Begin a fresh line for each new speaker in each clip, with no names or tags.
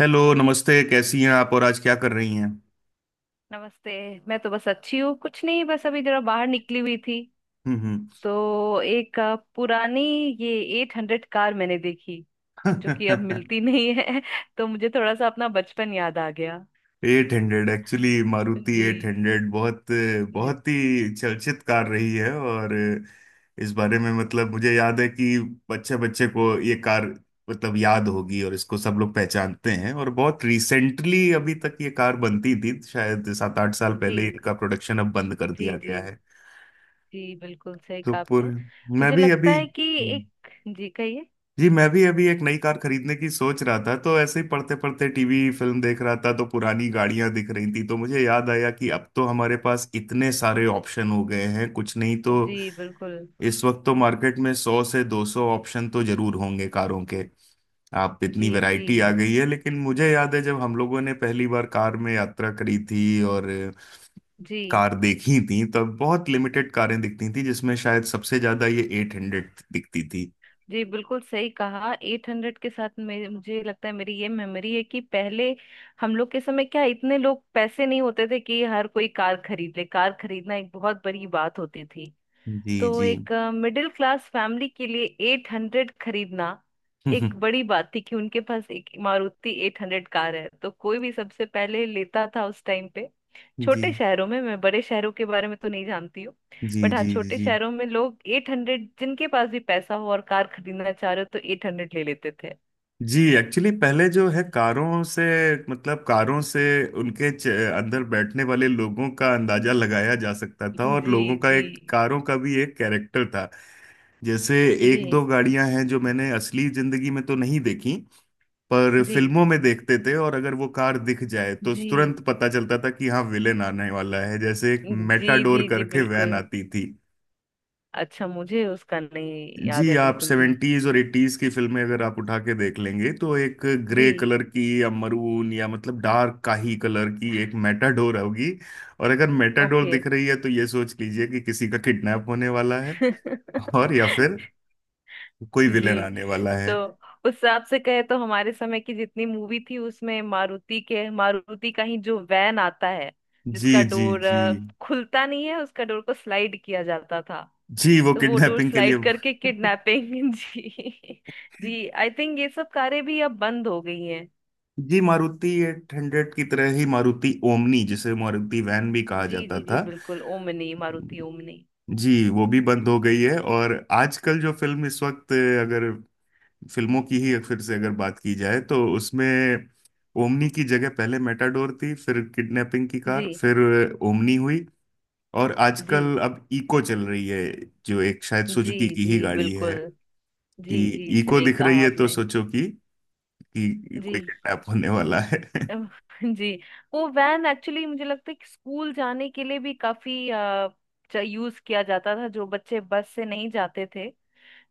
Hello, नमस्ते। कैसी हैं आप और आज क्या कर रही हैं?
नमस्ते। मैं तो बस अच्छी हूँ, कुछ नहीं, बस अभी जरा बाहर निकली हुई थी।
हम्म।
तो एक पुरानी ये एट हंड्रेड कार मैंने देखी जो कि अब मिलती नहीं है तो मुझे थोड़ा सा अपना बचपन याद आ गया।
एट हंड्रेड, एक्चुअली मारुति
जी।
एट हंड्रेड बहुत
जी
बहुत ही चर्चित कार रही है। और इस बारे में, मतलब, मुझे याद है कि बच्चे बच्चे को ये कार, मतलब, याद होगी, और इसको सब लोग पहचानते हैं। और बहुत रिसेंटली अभी तक ये कार बनती थी, शायद 7 8 साल पहले
जी।
इनका प्रोडक्शन अब बंद कर
जी
दिया
जी।
गया है।
जी बिल्कुल सही
तो
कहा आपने।
पूरे मैं
मुझे
भी
लगता
अभी
है कि
हम्म,
एक। जी कहिए।
जी, मैं भी अभी एक नई कार खरीदने की सोच रहा था, तो ऐसे ही पढ़ते पढ़ते टीवी फिल्म देख रहा था, तो पुरानी गाड़ियां दिख रही थी, तो मुझे याद आया कि अब तो हमारे पास इतने सारे ऑप्शन हो गए हैं, कुछ नहीं तो
जी बिल्कुल।
इस वक्त तो मार्केट में 100 से 200 ऑप्शन तो जरूर होंगे कारों के। आप, इतनी
जी जी।
वैरायटी आ गई है। लेकिन मुझे याद है जब हम लोगों ने पहली बार कार में यात्रा करी थी और
जी
कार देखी थी, तब बहुत लिमिटेड कारें दिखती थी, जिसमें शायद सबसे ज्यादा ये एट हंड्रेड दिखती थी।
जी बिल्कुल सही कहा। 800 के साथ मे मुझे लगता है मेरी ये मेमोरी है कि पहले हम लोग के समय क्या इतने लोग पैसे नहीं होते थे कि हर कोई कार खरीद ले। कार खरीदना एक बहुत बड़ी बात होती थी।
जी
तो
जी।
एक मिडिल क्लास फैमिली के लिए एट हंड्रेड खरीदना एक बड़ी बात थी कि उनके पास एक मारुति एट हंड्रेड कार है। तो कोई भी सबसे पहले लेता था उस टाइम पे।
जी।
छोटे शहरों में, मैं बड़े शहरों के बारे में तो नहीं जानती हूँ।
जी
बट हाँ,
जी
छोटे
जी
शहरों में लोग एट हंड्रेड, जिनके पास भी पैसा हो और कार खरीदना चाह रहे हो तो एट हंड्रेड ले लेते थे।
जी। एक्चुअली पहले जो है कारों से, मतलब कारों से, उनके अंदर बैठने वाले लोगों का अंदाजा लगाया जा सकता था,
जी
और
जी
लोगों का,
जी।
एक कारों का भी एक कैरेक्टर था। जैसे एक दो
जी
गाड़ियां हैं जो मैंने असली जिंदगी में तो नहीं देखी, पर
जी
फिल्मों में देखते थे, और अगर वो कार दिख जाए तो तुरंत पता चलता था कि हाँ विलेन आने वाला है। जैसे एक
जी
मेटाडोर
जी जी
करके वैन
बिल्कुल।
आती थी।
अच्छा, मुझे उसका नहीं याद
जी,
है
आप
बिल्कुल भी।
सेवेंटीज और एटीज की फिल्में अगर आप उठा के देख लेंगे तो एक ग्रे
जी।
कलर की या मरून या, मतलब, डार्क काही कलर की एक मेटाडोर होगी। और अगर मेटाडोर
ओके।
दिख रही है तो ये सोच लीजिए कि किसी का किडनैप होने वाला है, और या फिर कोई विलेन
जी।
आने वाला
तो
है।
उस हिसाब से कहे तो हमारे समय की जितनी मूवी थी उसमें मारुति के, मारुति का ही जो वैन आता है,
जी
जिसका
जी
डोर
जी।
खुलता नहीं है, उसका डोर को स्लाइड किया जाता था।
जी, वो
तो वो डोर
किडनैपिंग के लिए।
स्लाइड करके किडनैपिंग जी जी। आई थिंक ये सब कारें भी अब बंद हो गई हैं।
जी, मारुति एट हंड्रेड की तरह ही मारुति ओमनी, जिसे मारुति वैन भी कहा
जी
जाता
जी जी
था।
बिल्कुल। Omni, Maruti omni.
जी, वो भी बंद हो गई है। और आजकल जो फिल्म, इस वक्त, अगर फिल्मों की ही फिर से अगर बात की जाए, तो उसमें ओमनी की जगह पहले मेटाडोर थी, फिर किडनैपिंग की
जी
कार, फिर ओमनी हुई, और
जी
आजकल अब इको चल रही है, जो एक शायद
जी
सुजुकी की
जी
ही गाड़ी
बिल्कुल।
है।
जी
कि
जी
इको
सही
दिख रही
कहा
है तो
आपने।
सोचो कि
जी।
कोई किडनैप होने वाला है।
अम, जी। वो वैन एक्चुअली मुझे लगता है कि स्कूल जाने के लिए भी काफी यूज किया जाता था। जो बच्चे बस से नहीं जाते थे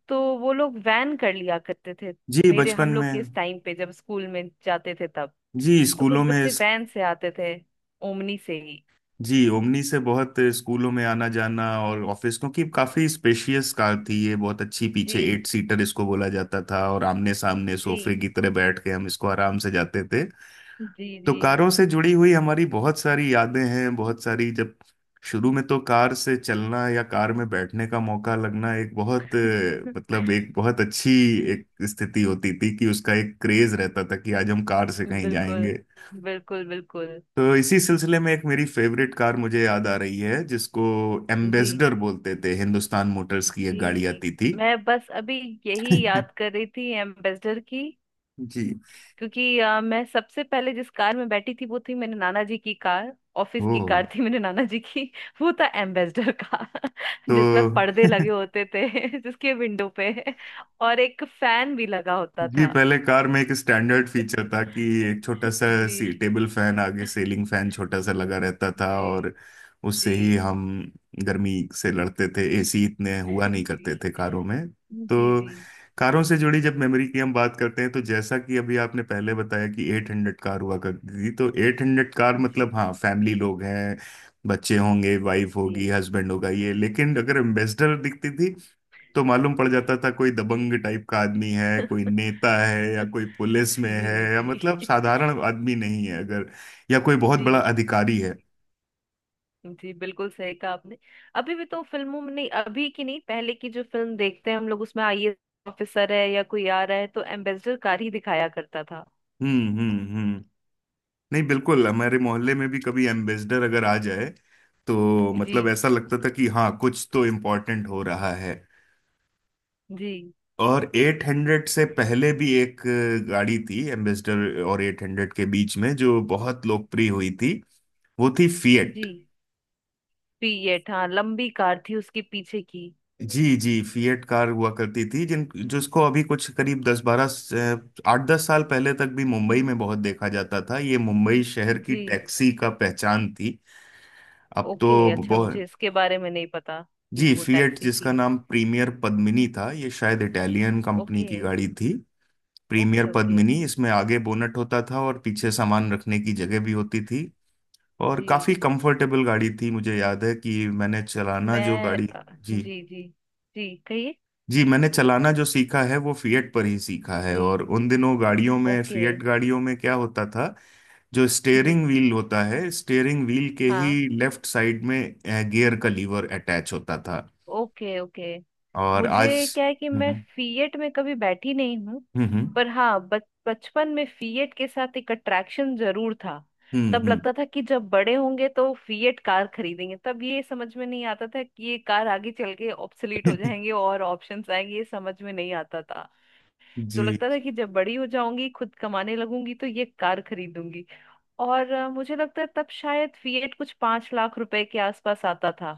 तो वो लोग वैन कर लिया करते थे।
जी,
मेरे,
बचपन
हम लोग के
में।
इस टाइम पे जब स्कूल में जाते थे तब,
जी,
तो कुछ
स्कूलों में
बच्चे
इस,
वैन से आते थे, ओमनी से ही।
जी, ओमनी से बहुत स्कूलों में आना जाना और ऑफिस, क्योंकि काफी स्पेशियस कार थी ये, बहुत अच्छी, पीछे
जी
एट सीटर इसको बोला जाता था, और आमने सामने सोफे
जी
की तरह बैठ के हम इसको आराम से जाते थे।
जी
तो
जी
कारों से जुड़ी हुई हमारी बहुत सारी यादें हैं, बहुत सारी। जब शुरू में तो कार से चलना या कार में बैठने का मौका लगना एक बहुत मतलब एक बहुत अच्छी एक स्थिति होती थी कि उसका एक क्रेज रहता था कि आज हम कार से कहीं
बिल्कुल,
जाएंगे।
बिल्कुल, बिल्कुल।
तो इसी सिलसिले में एक मेरी फेवरेट कार मुझे याद आ रही है, जिसको
जी
एम्बेसडर बोलते थे। हिंदुस्तान मोटर्स की एक
जी।
गाड़ी आती थी।
मैं बस अभी यही याद कर रही थी एम्बेसडर की।
जी।
क्योंकि मैं सबसे पहले जिस कार में बैठी थी वो थी मेरे नाना जी की कार। ऑफिस
ओ,
की कार थी मेरे नाना जी की वो था एम्बेसडर का
तो
जिसमें पर्दे लगे होते थे जिसके विंडो पे, और एक फैन भी लगा होता
जी,
था।
पहले कार में एक स्टैंडर्ड फीचर था कि एक छोटा सा
जी
सी, टेबल फैन, आगे सीलिंग फैन छोटा सा लगा रहता था,
जी
और उससे
जी।
ही हम गर्मी से लड़ते थे। एसी इतने हुआ नहीं
जी
करते थे
जी
कारों में।
जी जी
तो
जी जी।
कारों से जुड़ी जब मेमोरी की हम बात करते हैं, तो जैसा कि अभी आपने पहले बताया कि एट हंड्रेड कार हुआ करती थी, तो एट हंड्रेड कार मतलब हाँ फैमिली लोग हैं, बच्चे होंगे, वाइफ होगी, हस्बैंड होगा ये। लेकिन अगर एम्बेसडर दिखती थी, तो मालूम पड़ जाता था कोई दबंग टाइप का आदमी है, कोई नेता है, या कोई पुलिस में
जी
है, या,
जी।
मतलब, साधारण आदमी नहीं है, अगर, या कोई बहुत
जी
बड़ा अधिकारी है।
जी बिल्कुल सही कहा आपने। अभी भी तो फिल्मों में, नहीं अभी की नहीं, पहले की जो फिल्म देखते हैं हम लोग उसमें आईएएस ऑफिसर है या कोई आ रहा है तो एम्बेसडर कार ही दिखाया करता था।
हम्म। हम्म। हम्म। नहीं, बिल्कुल, हमारे मोहल्ले में भी कभी एम्बेसडर अगर आ जाए, तो
जी
मतलब ऐसा लगता था कि हाँ कुछ तो इम्पोर्टेंट हो रहा है।
जी
और 800 से पहले भी एक गाड़ी थी एम्बेसडर, और 800 के बीच में जो बहुत लोकप्रिय हुई थी, वो थी फिएट।
जी। पीएट, हाँ लंबी कार थी उसके पीछे की।
जी जी, फिएट कार हुआ करती थी, जिन जिसको अभी कुछ करीब 10 12, 8 10 साल पहले तक भी मुंबई में बहुत देखा जाता था। ये मुंबई शहर की
जी,
टैक्सी का पहचान थी। अब
ओके।
तो
अच्छा, मुझे
बहुत।
इसके बारे में नहीं पता कि
जी,
वो
फिएट,
टैक्सी
जिसका
थी।
नाम प्रीमियर पद्मिनी था, ये शायद इटालियन कंपनी
ओके
की गाड़ी थी। Premier
okay okay.
पद्मिनी, इसमें आगे बोनट होता था और पीछे सामान रखने की जगह भी होती थी, और
जी।
काफी कंफर्टेबल गाड़ी थी। मुझे याद है कि मैंने चलाना जो
मैं
गाड़ी, जी
जी जी। जी कहिए।
जी, मैंने चलाना जो सीखा है वो फिएट पर ही सीखा है। और
जी
उन दिनों गाड़ियों में,
ओके।
फिएट गाड़ियों में, क्या होता था, जो
जी
स्टेयरिंग व्हील होता है, स्टेयरिंग व्हील के ही
हाँ।
लेफ्ट साइड में गियर का लीवर अटैच होता था।
Okay okay.
और आज,
मुझे क्या है कि मैं
हम्म।
फीएट में कभी बैठी नहीं हूँ।
हम्म।
पर हाँ बच बचपन में फीएट के साथ एक अट्रैक्शन जरूर था।
हम्म।
तब
हम्म।
लगता था कि जब बड़े होंगे तो फीएट कार खरीदेंगे। तब ये समझ में नहीं आता था कि ये कार आगे चल के ऑब्सोलीट हो जाएंगे और ऑप्शंस आएंगे, ये समझ में नहीं आता था। तो
जी
लगता था कि जब बड़ी हो जाऊंगी, खुद कमाने लगूंगी तो ये कार खरीदूंगी। और मुझे लगता है तब शायद फीएट कुछ 5 लाख रुपए के आसपास आता था।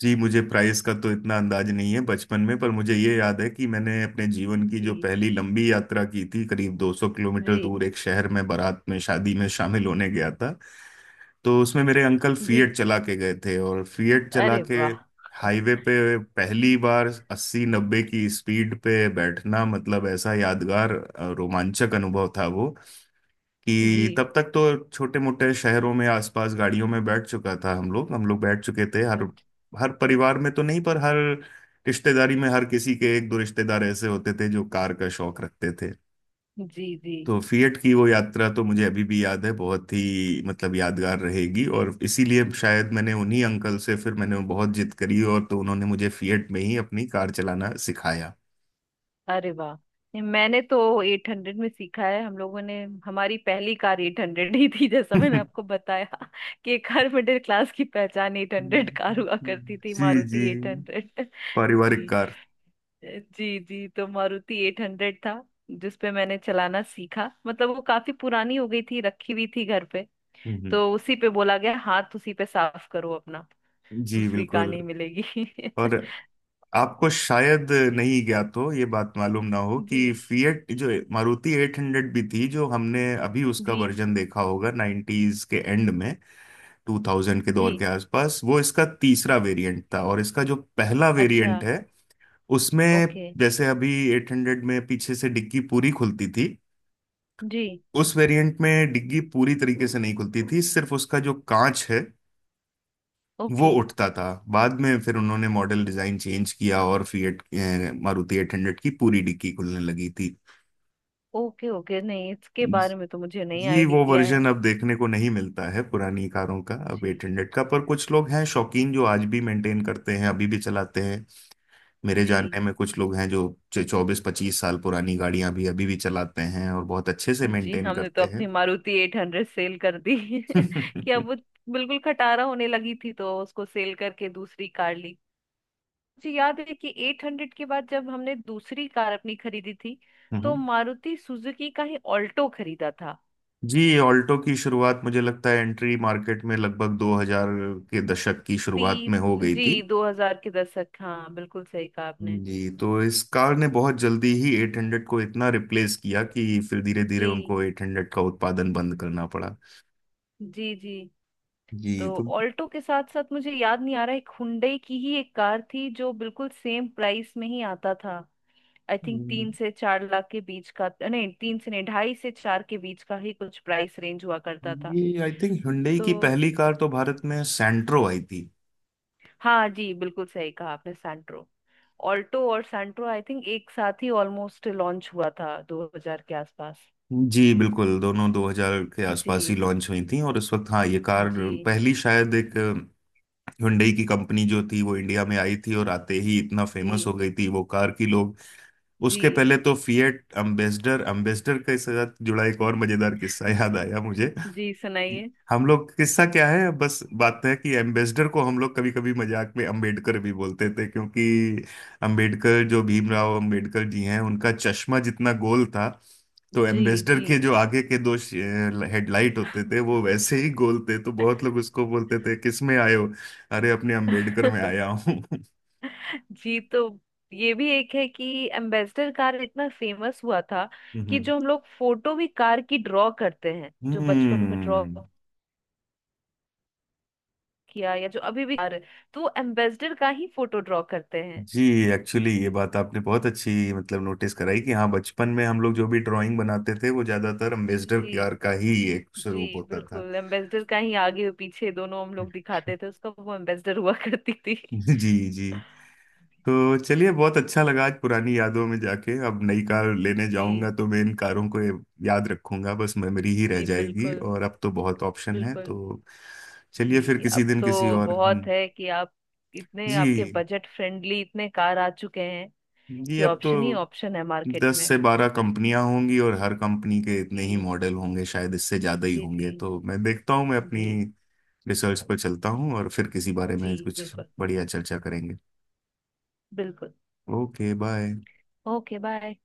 जी, मुझे प्राइस का तो इतना अंदाज नहीं है बचपन में, पर मुझे ये याद है कि मैंने अपने जीवन की जो
जी
पहली लंबी यात्रा की थी, करीब 200 किलोमीटर
जी
दूर एक शहर में बारात में, शादी में शामिल होने गया था। तो उसमें मेरे अंकल
जी।
फिएट चला के गए थे, और फिएट चला
अरे
के
वाह।
हाईवे पे पहली बार 80 90 की स्पीड पे बैठना, मतलब ऐसा यादगार रोमांचक अनुभव था वो।
जी।
कि तब तक तो छोटे मोटे शहरों में आसपास गाड़ियों में बैठ चुका था, हम लोग बैठ चुके थे। हर
हम्म,
हर परिवार में तो नहीं, पर हर रिश्तेदारी में हर किसी के एक दो रिश्तेदार ऐसे होते थे जो कार का शौक रखते थे।
जी जी।
तो फिएट की वो यात्रा तो मुझे अभी भी याद है, बहुत ही, मतलब, यादगार रहेगी। और इसीलिए शायद मैंने उन्हीं अंकल से, फिर मैंने बहुत जिद करी, और तो उन्होंने मुझे फिएट में ही अपनी कार चलाना सिखाया।
अरे वाह, ये मैंने तो एट हंड्रेड में सीखा है। हम लोगों ने हमारी पहली कार एट हंड्रेड ही थी, जैसा मैंने
हम्म।
आपको बताया कि एक हर मिडिल क्लास की पहचान एट हंड्रेड कार हुआ करती थी,
जी जी,
मारुति एट हंड्रेड।
पारिवारिक
जी
कार।
जी जी। तो मारुति एट हंड्रेड था जिसपे मैंने चलाना सीखा। मतलब वो काफी पुरानी हो गई थी, रखी हुई थी घर पे।
हम्म।
तो उसी पे बोला गया हाथ उसी पे साफ करो अपना,
जी,
दूसरी कार
बिल्कुल।
नहीं मिलेगी
और आपको शायद नहीं ज्ञात हो, ये बात मालूम ना हो, कि
जी
फिएट जो मारुति एट हंड्रेड भी थी, जो हमने अभी उसका
जी
वर्जन देखा होगा नाइन्टीज के एंड में, टू थाउजेंड के
जी।
दौर के आसपास, वो इसका तीसरा वेरिएंट था। और इसका जो पहला
अच्छा।
वेरिएंट है, उसमें,
ओके।
जैसे अभी एट हंड्रेड में पीछे से डिग्गी पूरी खुलती थी,
जी।
उस वेरिएंट में डिग्गी पूरी तरीके से नहीं खुलती थी, सिर्फ उसका जो कांच है वो
ओके
उठता था। बाद में फिर उन्होंने मॉडल डिजाइन चेंज किया और फिएट, मारुति एट हंड्रेड की पूरी डिग्गी खुलने लगी थी।
ओके। ओके, नहीं इसके बारे में तो मुझे नहीं
जी, वो
आइडिया
वर्जन
है।
अब देखने को नहीं मिलता है, पुरानी कारों का, अब
जी
एट हंड्रेड का, पर कुछ लोग हैं शौकीन जो आज भी मेंटेन करते हैं, अभी भी चलाते हैं। मेरे
जी
जानने में कुछ लोग हैं जो 24 25 साल पुरानी गाड़ियां भी अभी भी चलाते हैं और बहुत अच्छे से
जी।
मेंटेन
हमने तो
करते
अपनी
हैं।
मारुति एट हंड्रेड सेल कर दी कि अब वो बिल्कुल खटारा होने लगी थी, तो उसको सेल करके दूसरी कार ली। मुझे याद है कि एट हंड्रेड के बाद जब हमने दूसरी कार अपनी खरीदी थी तो
हम्म।
मारुति सुजुकी का ही ऑल्टो खरीदा था।
जी, ऑल्टो की शुरुआत, मुझे लगता है एंट्री मार्केट में, लगभग 2000 के दशक की
ती
शुरुआत में हो गई
जी,
थी।
दो हजार के दशक, हाँ बिल्कुल सही कहा आपने।
जी, तो इस कार ने बहुत जल्दी ही 800 को इतना रिप्लेस किया, कि फिर धीरे धीरे
जी
उनको 800 का उत्पादन बंद करना पड़ा।
जी जी। तो
जी, तो
ऑल्टो के साथ साथ, मुझे याद नहीं आ रहा, एक हुंडई की ही एक कार थी जो बिल्कुल सेम प्राइस में ही आता था। आई थिंक
हम्म,
3 से 4 लाख के बीच का, नहीं तीन से नहीं, ढाई से चार के बीच का ही कुछ प्राइस रेंज हुआ करता था।
ये, आई थिंक, Hyundai
तो
की पहली कार तो भारत में सेंट्रो आई थी।
हाँ जी बिल्कुल सही कहा आपने, सैंट्रो। ऑल्टो और सैंट्रो आई थिंक एक साथ ही ऑलमोस्ट लॉन्च हुआ था 2000 के आसपास।
जी, बिल्कुल, दोनों 2000 के आसपास ही
जी
लॉन्च हुई थी। और उस वक्त, हाँ ये कार
जी
पहली, शायद एक हुंडई की कंपनी जो थी वो इंडिया में आई थी, और आते ही इतना फेमस हो
जी
गई थी वो कार की लोग, उसके
जी।
पहले तो फिएट, अम्बेसडर। अम्बेसडर के साथ जुड़ा एक और मजेदार किस्सा याद आया मुझे।
जी सुनाइए।
हम लोग, किस्सा क्या है, बस बात है कि एम्बेसडर को हम लोग कभी कभी मजाक में अम्बेडकर भी बोलते थे, क्योंकि अम्बेडकर, जो भीमराव अम्बेडकर जी हैं, उनका चश्मा जितना गोल था, तो
जी
एम्बेसडर
जी
के जो आगे के दो हेडलाइट होते थे वो वैसे ही गोल थे। तो बहुत लोग उसको बोलते थे, किस में आए हो? अरे, अपने अम्बेडकर में आया हूँ।
जी। तो ये भी एक है कि एम्बेसडर कार इतना फेमस हुआ था कि
हम्म।
जो हम लोग फोटो भी कार की ड्रॉ करते हैं, जो बचपन में ड्रॉ
हम्म।
किया, या जो अभी भी कार, तो एम्बेसडर का ही फोटो ड्रॉ करते हैं।
जी, एक्चुअली ये बात आपने बहुत अच्छी, मतलब, नोटिस कराई कि हाँ, बचपन में हम लोग जो भी ड्राइंग बनाते थे वो ज्यादातर अम्बेसडर
जी
कार का ही एक
जी
स्वरूप होता था।
बिल्कुल। एम्बेसडर का ही आगे और पीछे दोनों हम लोग दिखाते थे, उसका वो एम्बेसडर हुआ करती थी
जी। जी, तो चलिए, बहुत अच्छा लगा आज पुरानी यादों में जाके। अब नई कार लेने जाऊंगा
जी
तो मैं इन कारों को याद रखूंगा, बस मेमोरी ही रह
जी
जाएगी।
बिल्कुल।
और अब तो बहुत ऑप्शन है,
बिल्कुल।
तो चलिए फिर
जी
किसी
अब
दिन किसी
तो
और,
बहुत है कि आप, इतने आपके
जी
बजट फ्रेंडली इतने कार आ चुके हैं
जी,
कि
अब तो
ऑप्शन ही ऑप्शन है मार्केट
दस
में।
से बारह कंपनियां होंगी और हर कंपनी के इतने ही
जी
मॉडल होंगे, शायद इससे ज्यादा ही
जी जी
होंगे। तो मैं देखता हूँ, मैं अपनी
जी।
रिसर्च पर चलता हूँ, और फिर किसी बारे
जी
में कुछ
बिल्कुल
बढ़िया चर्चा करेंगे।
बिल्कुल।
Okay, bye.
Okay bye.